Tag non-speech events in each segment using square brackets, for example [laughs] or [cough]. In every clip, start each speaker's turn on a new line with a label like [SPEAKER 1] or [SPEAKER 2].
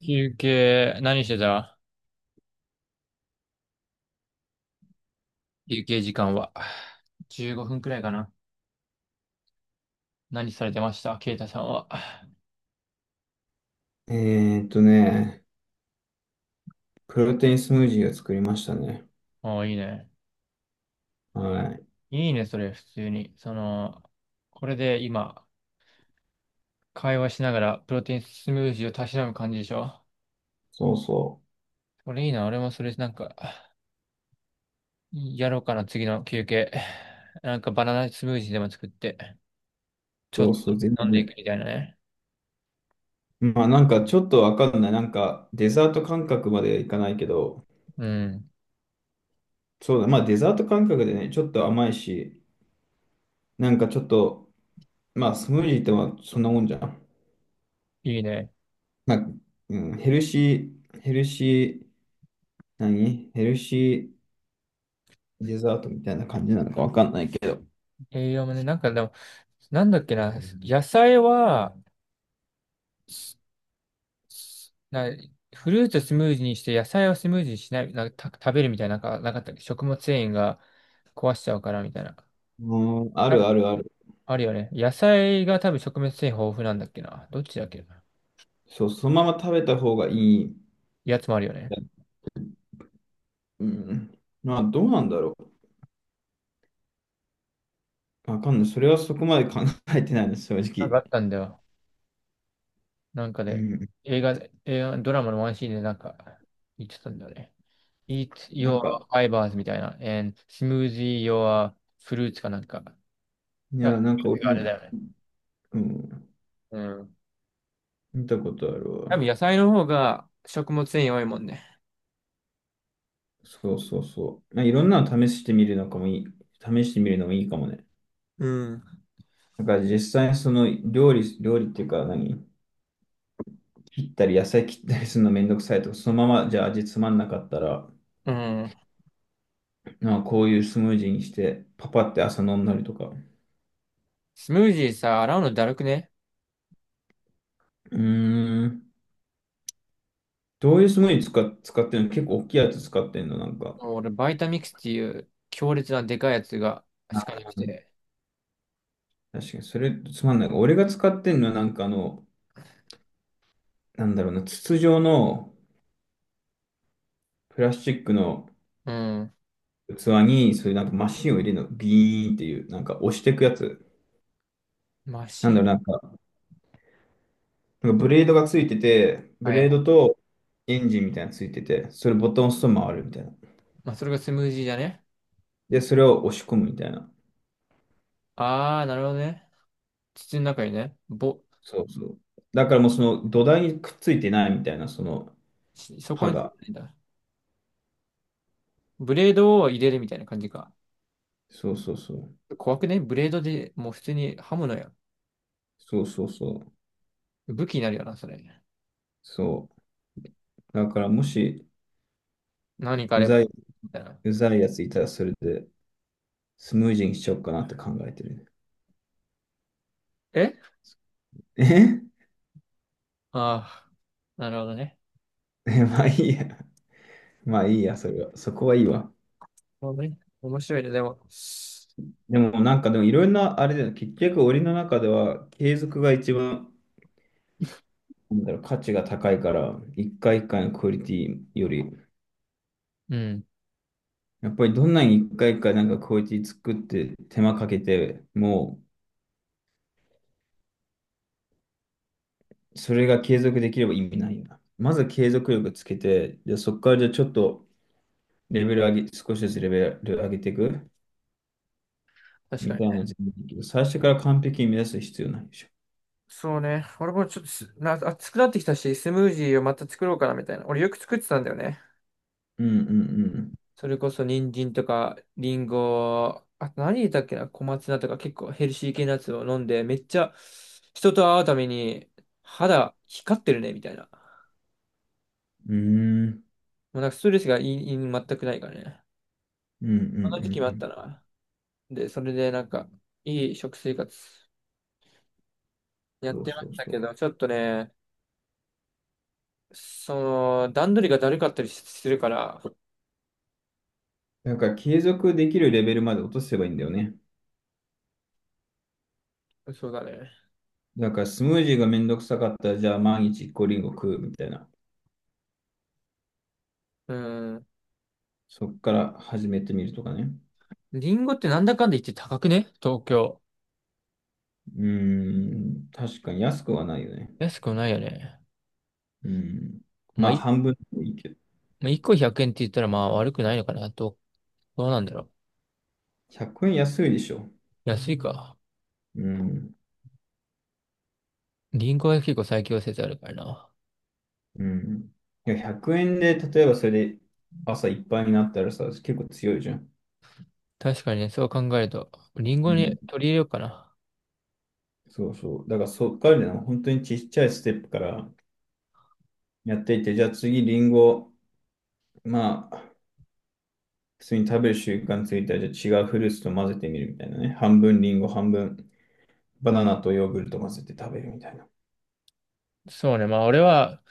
[SPEAKER 1] 休憩、何してた休憩時間は。15分くらいかな。何されてましたケイタさんは。あ
[SPEAKER 2] えーっとね、プロテインスムージーを作りましたね。
[SPEAKER 1] あ、いいね。
[SPEAKER 2] はい。
[SPEAKER 1] いいね、それ、普通に。これで今、会話しながら、プロテインスムージーをたしなむ感じでしょ。
[SPEAKER 2] そうそ
[SPEAKER 1] これいいな、俺もそれ、やろうかな、次の休憩。なんか、バナナスムージーでも作って、ち
[SPEAKER 2] う。
[SPEAKER 1] ょっ
[SPEAKER 2] そうそう、全
[SPEAKER 1] と飲んでい
[SPEAKER 2] 然。
[SPEAKER 1] くみたいなね。
[SPEAKER 2] まあなんかちょっとわかんない。なんかデザート感覚までいかないけど、
[SPEAKER 1] うん、
[SPEAKER 2] そうだ、まあデザート感覚でね、ちょっと甘いし、なんかちょっと、まあスムージーってまあそんなもんじゃん。
[SPEAKER 1] いいね。
[SPEAKER 2] まあ、うん、ヘルシー、ヘルシー、ヘルシーデザートみたいな感じなのかわかんないけど。
[SPEAKER 1] 栄養もね、なんかでも、なんだっけな、野菜は、な、フルーツをスムージーにして野菜をスムージーにしない、食べるみたいな、なんかなかったっけ食物繊維が壊しちゃうからみたいな。
[SPEAKER 2] うん、あ
[SPEAKER 1] あ
[SPEAKER 2] る
[SPEAKER 1] る、
[SPEAKER 2] あるある。
[SPEAKER 1] あるよね。野菜が多分食物繊維豊富なんだっけな。どっちだっけな。
[SPEAKER 2] そう、そのまま食べた方がいい。
[SPEAKER 1] やつもあるよね。
[SPEAKER 2] うん。まあ、どうなんだろう。わかんない。それはそこまで考えてないです、正
[SPEAKER 1] なんか
[SPEAKER 2] 直。
[SPEAKER 1] あったんだよ。なんか
[SPEAKER 2] う
[SPEAKER 1] で、
[SPEAKER 2] ん。
[SPEAKER 1] 映画、映画、ドラマのワンシーンでなんか言ってたんだよね。Eat
[SPEAKER 2] な
[SPEAKER 1] your
[SPEAKER 2] んか、
[SPEAKER 1] fibers みたいな。And smoothie your fruits かなんか。
[SPEAKER 2] い
[SPEAKER 1] あ、
[SPEAKER 2] や、な
[SPEAKER 1] フ
[SPEAKER 2] んか
[SPEAKER 1] ルーツ
[SPEAKER 2] 俺
[SPEAKER 1] があ
[SPEAKER 2] も、
[SPEAKER 1] れだよね。
[SPEAKER 2] うん、
[SPEAKER 1] うん。
[SPEAKER 2] 見たことある
[SPEAKER 1] 多
[SPEAKER 2] わ。
[SPEAKER 1] 分野菜の方が食物繊維多いもんね。
[SPEAKER 2] そうそうそう。まあ、いろんなの試してみるのかもいい。試してみるのもいいかもね。
[SPEAKER 1] うん。
[SPEAKER 2] だから実際にその料理っていうか何切ったり野菜切ったりするのめんどくさいとか、そのままじゃあ味つまんなかったら、
[SPEAKER 1] うん。
[SPEAKER 2] なんかこういうスムージーにして、パパって朝飲んだりとか。
[SPEAKER 1] スムージーさ、洗うのだるくね。
[SPEAKER 2] うーん。どういうスムージー使っ、使ってるの結構大きいやつ使ってんのなんか。
[SPEAKER 1] 俺、バイタミックスっていう強烈なでかいやつがしかなく
[SPEAKER 2] うん、
[SPEAKER 1] て。
[SPEAKER 2] 確かに、それつまんない。俺が使ってんのは、なんかあの、なんだろうな、筒状のプラスチックの
[SPEAKER 1] うん。
[SPEAKER 2] 器に、そういうなんかマシンを入れるの、ビーンっていう、なんか押していくやつ。
[SPEAKER 1] マ
[SPEAKER 2] な
[SPEAKER 1] シ
[SPEAKER 2] んだ
[SPEAKER 1] ン。
[SPEAKER 2] ろう、なんか、なんかブレードがついてて、ブ
[SPEAKER 1] は
[SPEAKER 2] レー
[SPEAKER 1] い。
[SPEAKER 2] ドとエンジンみたいなのついてて、それボタンを押すと回るみたいな。
[SPEAKER 1] まあ、それがスムージーじゃね。
[SPEAKER 2] で、それを押し込むみたいな。
[SPEAKER 1] あー、なるほどね。筒の中にね。ぼ、
[SPEAKER 2] そうそう。だからもうその土台にくっついてないみたいな、その
[SPEAKER 1] しそ
[SPEAKER 2] 刃
[SPEAKER 1] こに、
[SPEAKER 2] が。
[SPEAKER 1] んだ。ブレードを入れるみたいな感じか。
[SPEAKER 2] そうそうそう。
[SPEAKER 1] 怖くねブレードでもう普通に刃物や。
[SPEAKER 2] そうそうそう。
[SPEAKER 1] 武器になるよな、それ。
[SPEAKER 2] そう。だからもし、
[SPEAKER 1] 何かあ
[SPEAKER 2] う
[SPEAKER 1] れば。
[SPEAKER 2] ざい
[SPEAKER 1] みたいな。
[SPEAKER 2] うざいやついたらそれでスムージーにしようかなって考えてるね。
[SPEAKER 1] え
[SPEAKER 2] え
[SPEAKER 1] ああー、なるほどね。
[SPEAKER 2] [laughs] まあいいや。まあいいや、それは。そこはいいわ。
[SPEAKER 1] なるほどね、面白いね。でも、
[SPEAKER 2] でもなんかでもいろんなあれだよ。結局俺の中では継続が一番なんだろう価値が高いから、一回一回のクオリティより、
[SPEAKER 1] うん。
[SPEAKER 2] やっぱりどんなに一回一回なんかクオリティ作って手間かけて、もうそれが継続できれば意味ないよな。まず継続力つけて、じゃあそこからじゃあちょっとレベル上げ、少しずつレベル上げていく。
[SPEAKER 1] 確か
[SPEAKER 2] み
[SPEAKER 1] に。
[SPEAKER 2] たいな自分だけど、最初から完璧に目指す必要ないでしょ。
[SPEAKER 1] そうね。俺もちょっと暑くなってきたし、スムージーをまた作ろうかなみたいな。俺よく作ってたんだよね。
[SPEAKER 2] うんうん
[SPEAKER 1] それこそ人参とか、リンゴ、あと何入れたっけな、小松菜とか結構ヘルシー系のやつを飲んで、めっちゃ人と会うために肌光ってるねみたいな。
[SPEAKER 2] うん。うーん。
[SPEAKER 1] もうなんかストレスがいい、いい全くないからね。
[SPEAKER 2] うんうんうんう
[SPEAKER 1] この時期もあった
[SPEAKER 2] ん。
[SPEAKER 1] な。で、それでなんか、いい食生活やっ
[SPEAKER 2] そう
[SPEAKER 1] てま
[SPEAKER 2] そ
[SPEAKER 1] し
[SPEAKER 2] う
[SPEAKER 1] た
[SPEAKER 2] そ
[SPEAKER 1] け
[SPEAKER 2] う。
[SPEAKER 1] ど、ちょっとね、その、段取りがだるかったりするから。
[SPEAKER 2] だから継続できるレベルまで落とせばいいんだよね。
[SPEAKER 1] そうだね。
[SPEAKER 2] だからスムージーがめんどくさかったら、じゃあ毎日一個リンゴ食うみたいな。
[SPEAKER 1] うん。
[SPEAKER 2] そっから始めてみるとかね。
[SPEAKER 1] リンゴってなんだかんだ言って高くね東京。
[SPEAKER 2] うーん。確かに安くはないよね。
[SPEAKER 1] 安くないよね。
[SPEAKER 2] うん。
[SPEAKER 1] ま
[SPEAKER 2] ま
[SPEAKER 1] あ、
[SPEAKER 2] あ
[SPEAKER 1] い、
[SPEAKER 2] 半分でもいいけど。
[SPEAKER 1] まあ、1個100円って言ったらまあ悪くないのかなと。どうなんだろう。
[SPEAKER 2] 100円安いでしょ。
[SPEAKER 1] 安いか。
[SPEAKER 2] うん。
[SPEAKER 1] リンゴは結構最強説あるからな。
[SPEAKER 2] うん。いや、100円で、例えばそれで朝いっぱいになったらさ、結構強いじゃん。
[SPEAKER 1] 確かにね、そう考えると、リン
[SPEAKER 2] う
[SPEAKER 1] ゴに
[SPEAKER 2] ん、
[SPEAKER 1] 取り入れようかな。
[SPEAKER 2] そうそう。だからそっからね、本当にちっちゃいステップからやっていって、じゃあ次リンゴ、まあ、普通に食べる習慣ついたら、じゃあ違うフルーツと混ぜてみるみたいなね。半分リンゴ、半分バナナとヨーグルト混ぜて食べるみたいな。
[SPEAKER 1] そうね、まあ俺は、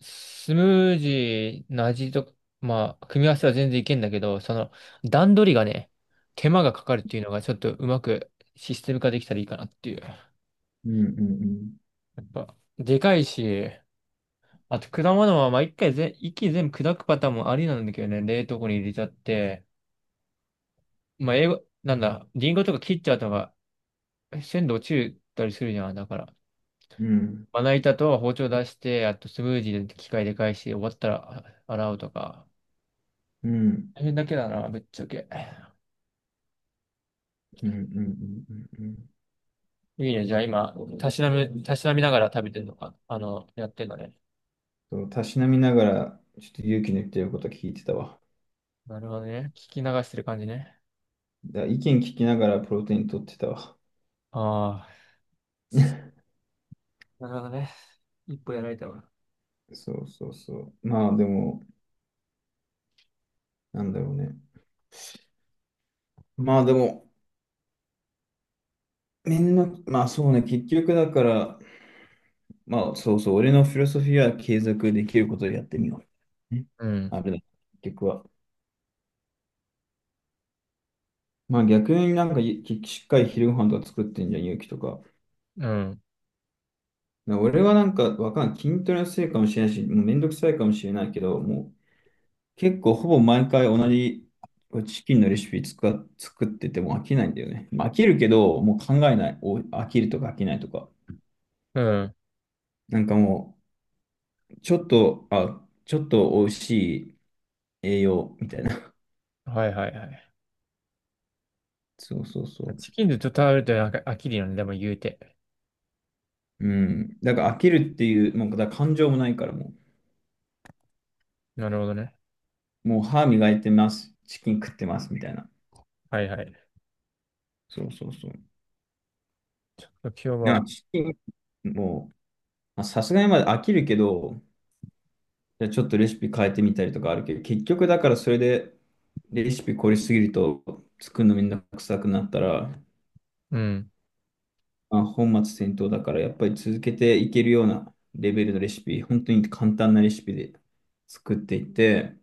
[SPEAKER 1] スムージーの味と、まあ、組み合わせは全然いけんだけど、その、段取りがね、手間がかかるっていうのがちょっとうまくシステム化できたらいいかなっていう。や
[SPEAKER 2] うんうん
[SPEAKER 1] っぱ、でかいし、あと、果物は、まあ、一回ぜ、一気に全部砕くパターンもありなんだけどね、冷凍庫に入れちゃって、まあ、英語、なんだ、リンゴとか切っちゃうとか、鮮度落ちたりするじゃん。だから、
[SPEAKER 2] うん。うん
[SPEAKER 1] まな板と包丁出して、あとスムージーで機械で返して、終わったら洗うとか。
[SPEAKER 2] うん
[SPEAKER 1] 大変だけだな、ぶっちゃけ。
[SPEAKER 2] うんうんうんうんうん。
[SPEAKER 1] いいね、じゃあ今、たしなみながら食べてるのか、あの、やってんのね。
[SPEAKER 2] そうたしなみながら、ちょっと勇気の言ってること聞いてたわ。
[SPEAKER 1] なるほどね。聞き流してる感じね。
[SPEAKER 2] だ意見聞きながらプロテイン取ってたわ。
[SPEAKER 1] ああ。
[SPEAKER 2] [laughs]
[SPEAKER 1] なるほどね。一歩やられたわ。
[SPEAKER 2] そうそうそう。まあでも、なんだろうね。まあでも、みんな、まあそうね、結局だから、まあそうそう、俺のフィロソフィーは継続できることでやってみよう。ね、
[SPEAKER 1] うん、
[SPEAKER 2] あれだ、結局は。まあ逆になんかしっかり昼ご飯とか作ってんじゃん、勇気とか。
[SPEAKER 1] うん、
[SPEAKER 2] な俺はなんかわかんない。筋トレのせいかもしれないし、もうめんどくさいかもしれないけど、もう結構ほぼ毎回同じこうチキンのレシピ作ってても飽きないんだよね。まあ飽きるけど、もう考えない。お飽きるとか飽きないとか。
[SPEAKER 1] うん。
[SPEAKER 2] なんかもう、ちょっと、あ、ちょっと美味しい。栄養みたいな。[laughs]
[SPEAKER 1] はいはいはい。
[SPEAKER 2] そうそうそ
[SPEAKER 1] チキンでちょっと食べると飽きるよね、でも言うて。
[SPEAKER 2] う。うん。だから飽きるっていう、もうだから感情もないからも
[SPEAKER 1] なるほどね。
[SPEAKER 2] う、もう歯磨いてます、チキン食ってますみたいな。
[SPEAKER 1] はいはい。
[SPEAKER 2] そうそうそう。
[SPEAKER 1] 今日
[SPEAKER 2] なん
[SPEAKER 1] は、
[SPEAKER 2] かチキン、もう、まあさすがにまだ飽きるけど、じゃあちょっとレシピ変えてみたりとかあるけど、結局だからそれでレシピ凝りすぎると作るのめんどくさくなったら、
[SPEAKER 1] うん。
[SPEAKER 2] まあ、本末転倒だからやっぱり続けていけるようなレベルのレシピ、本当に簡単なレシピで作っていって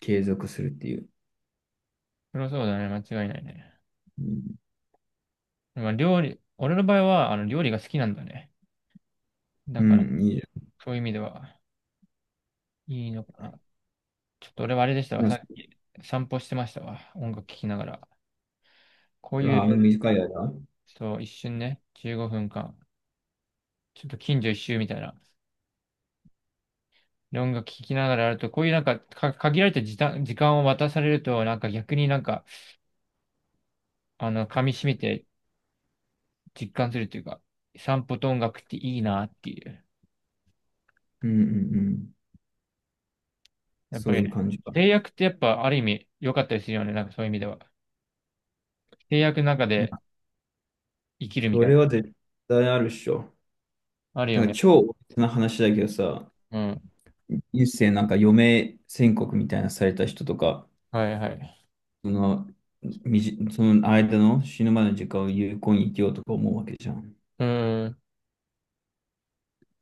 [SPEAKER 2] 継続するっていう。
[SPEAKER 1] そりゃそうだね、間違いないね。
[SPEAKER 2] うん、
[SPEAKER 1] まあ、料理、俺の場合は、あの、料理が好きなんだね。だ
[SPEAKER 2] う
[SPEAKER 1] から、
[SPEAKER 2] んいいじ
[SPEAKER 1] そういう意味では、いいのかな。ちょっと俺はあれでしたわ、
[SPEAKER 2] ゃ
[SPEAKER 1] さ
[SPEAKER 2] ん。
[SPEAKER 1] っき散歩してましたわ、音楽聴きながら。こう
[SPEAKER 2] ラ
[SPEAKER 1] い
[SPEAKER 2] あ、あの
[SPEAKER 1] う、
[SPEAKER 2] 短い間、うん
[SPEAKER 1] そう、一瞬ね、15分間、ちょっと近所一周みたいな。で音楽聴きながらやると、こういうなんか、限られた時間を渡されると、なんか逆になんか、あの、噛み締めて実感するというか、散歩と音楽っていいなっていう。
[SPEAKER 2] うんうん、
[SPEAKER 1] やっぱ
[SPEAKER 2] そう
[SPEAKER 1] り
[SPEAKER 2] いう
[SPEAKER 1] ね、
[SPEAKER 2] 感じか。
[SPEAKER 1] 制約ってやっぱある意味良かったりするよね。なんかそういう意味では。制約の中
[SPEAKER 2] なん
[SPEAKER 1] で
[SPEAKER 2] か、
[SPEAKER 1] 生きるみ
[SPEAKER 2] そ
[SPEAKER 1] たい
[SPEAKER 2] れ
[SPEAKER 1] な。
[SPEAKER 2] は絶対あるっしょ。
[SPEAKER 1] ある
[SPEAKER 2] な
[SPEAKER 1] よ
[SPEAKER 2] んか、
[SPEAKER 1] ね。
[SPEAKER 2] 超大きな話だけどさ、
[SPEAKER 1] うん。
[SPEAKER 2] 一世なんか余命宣告みたいなされた人とか、
[SPEAKER 1] はいはい。
[SPEAKER 2] その、その間の死ぬまでの時間を有効に生きようとか思うわけじゃん。
[SPEAKER 1] うーん。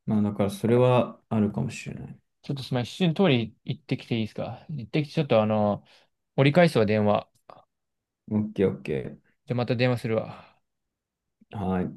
[SPEAKER 2] まあ、だからそれはあるかもしれない。
[SPEAKER 1] ちょっとすみません。一瞬通り行ってきていいですか行ってきて、ちょっとあの、折り返すわ、電話。
[SPEAKER 2] オッケーオッケ
[SPEAKER 1] じゃあまた電話するわ。
[SPEAKER 2] ー。はい。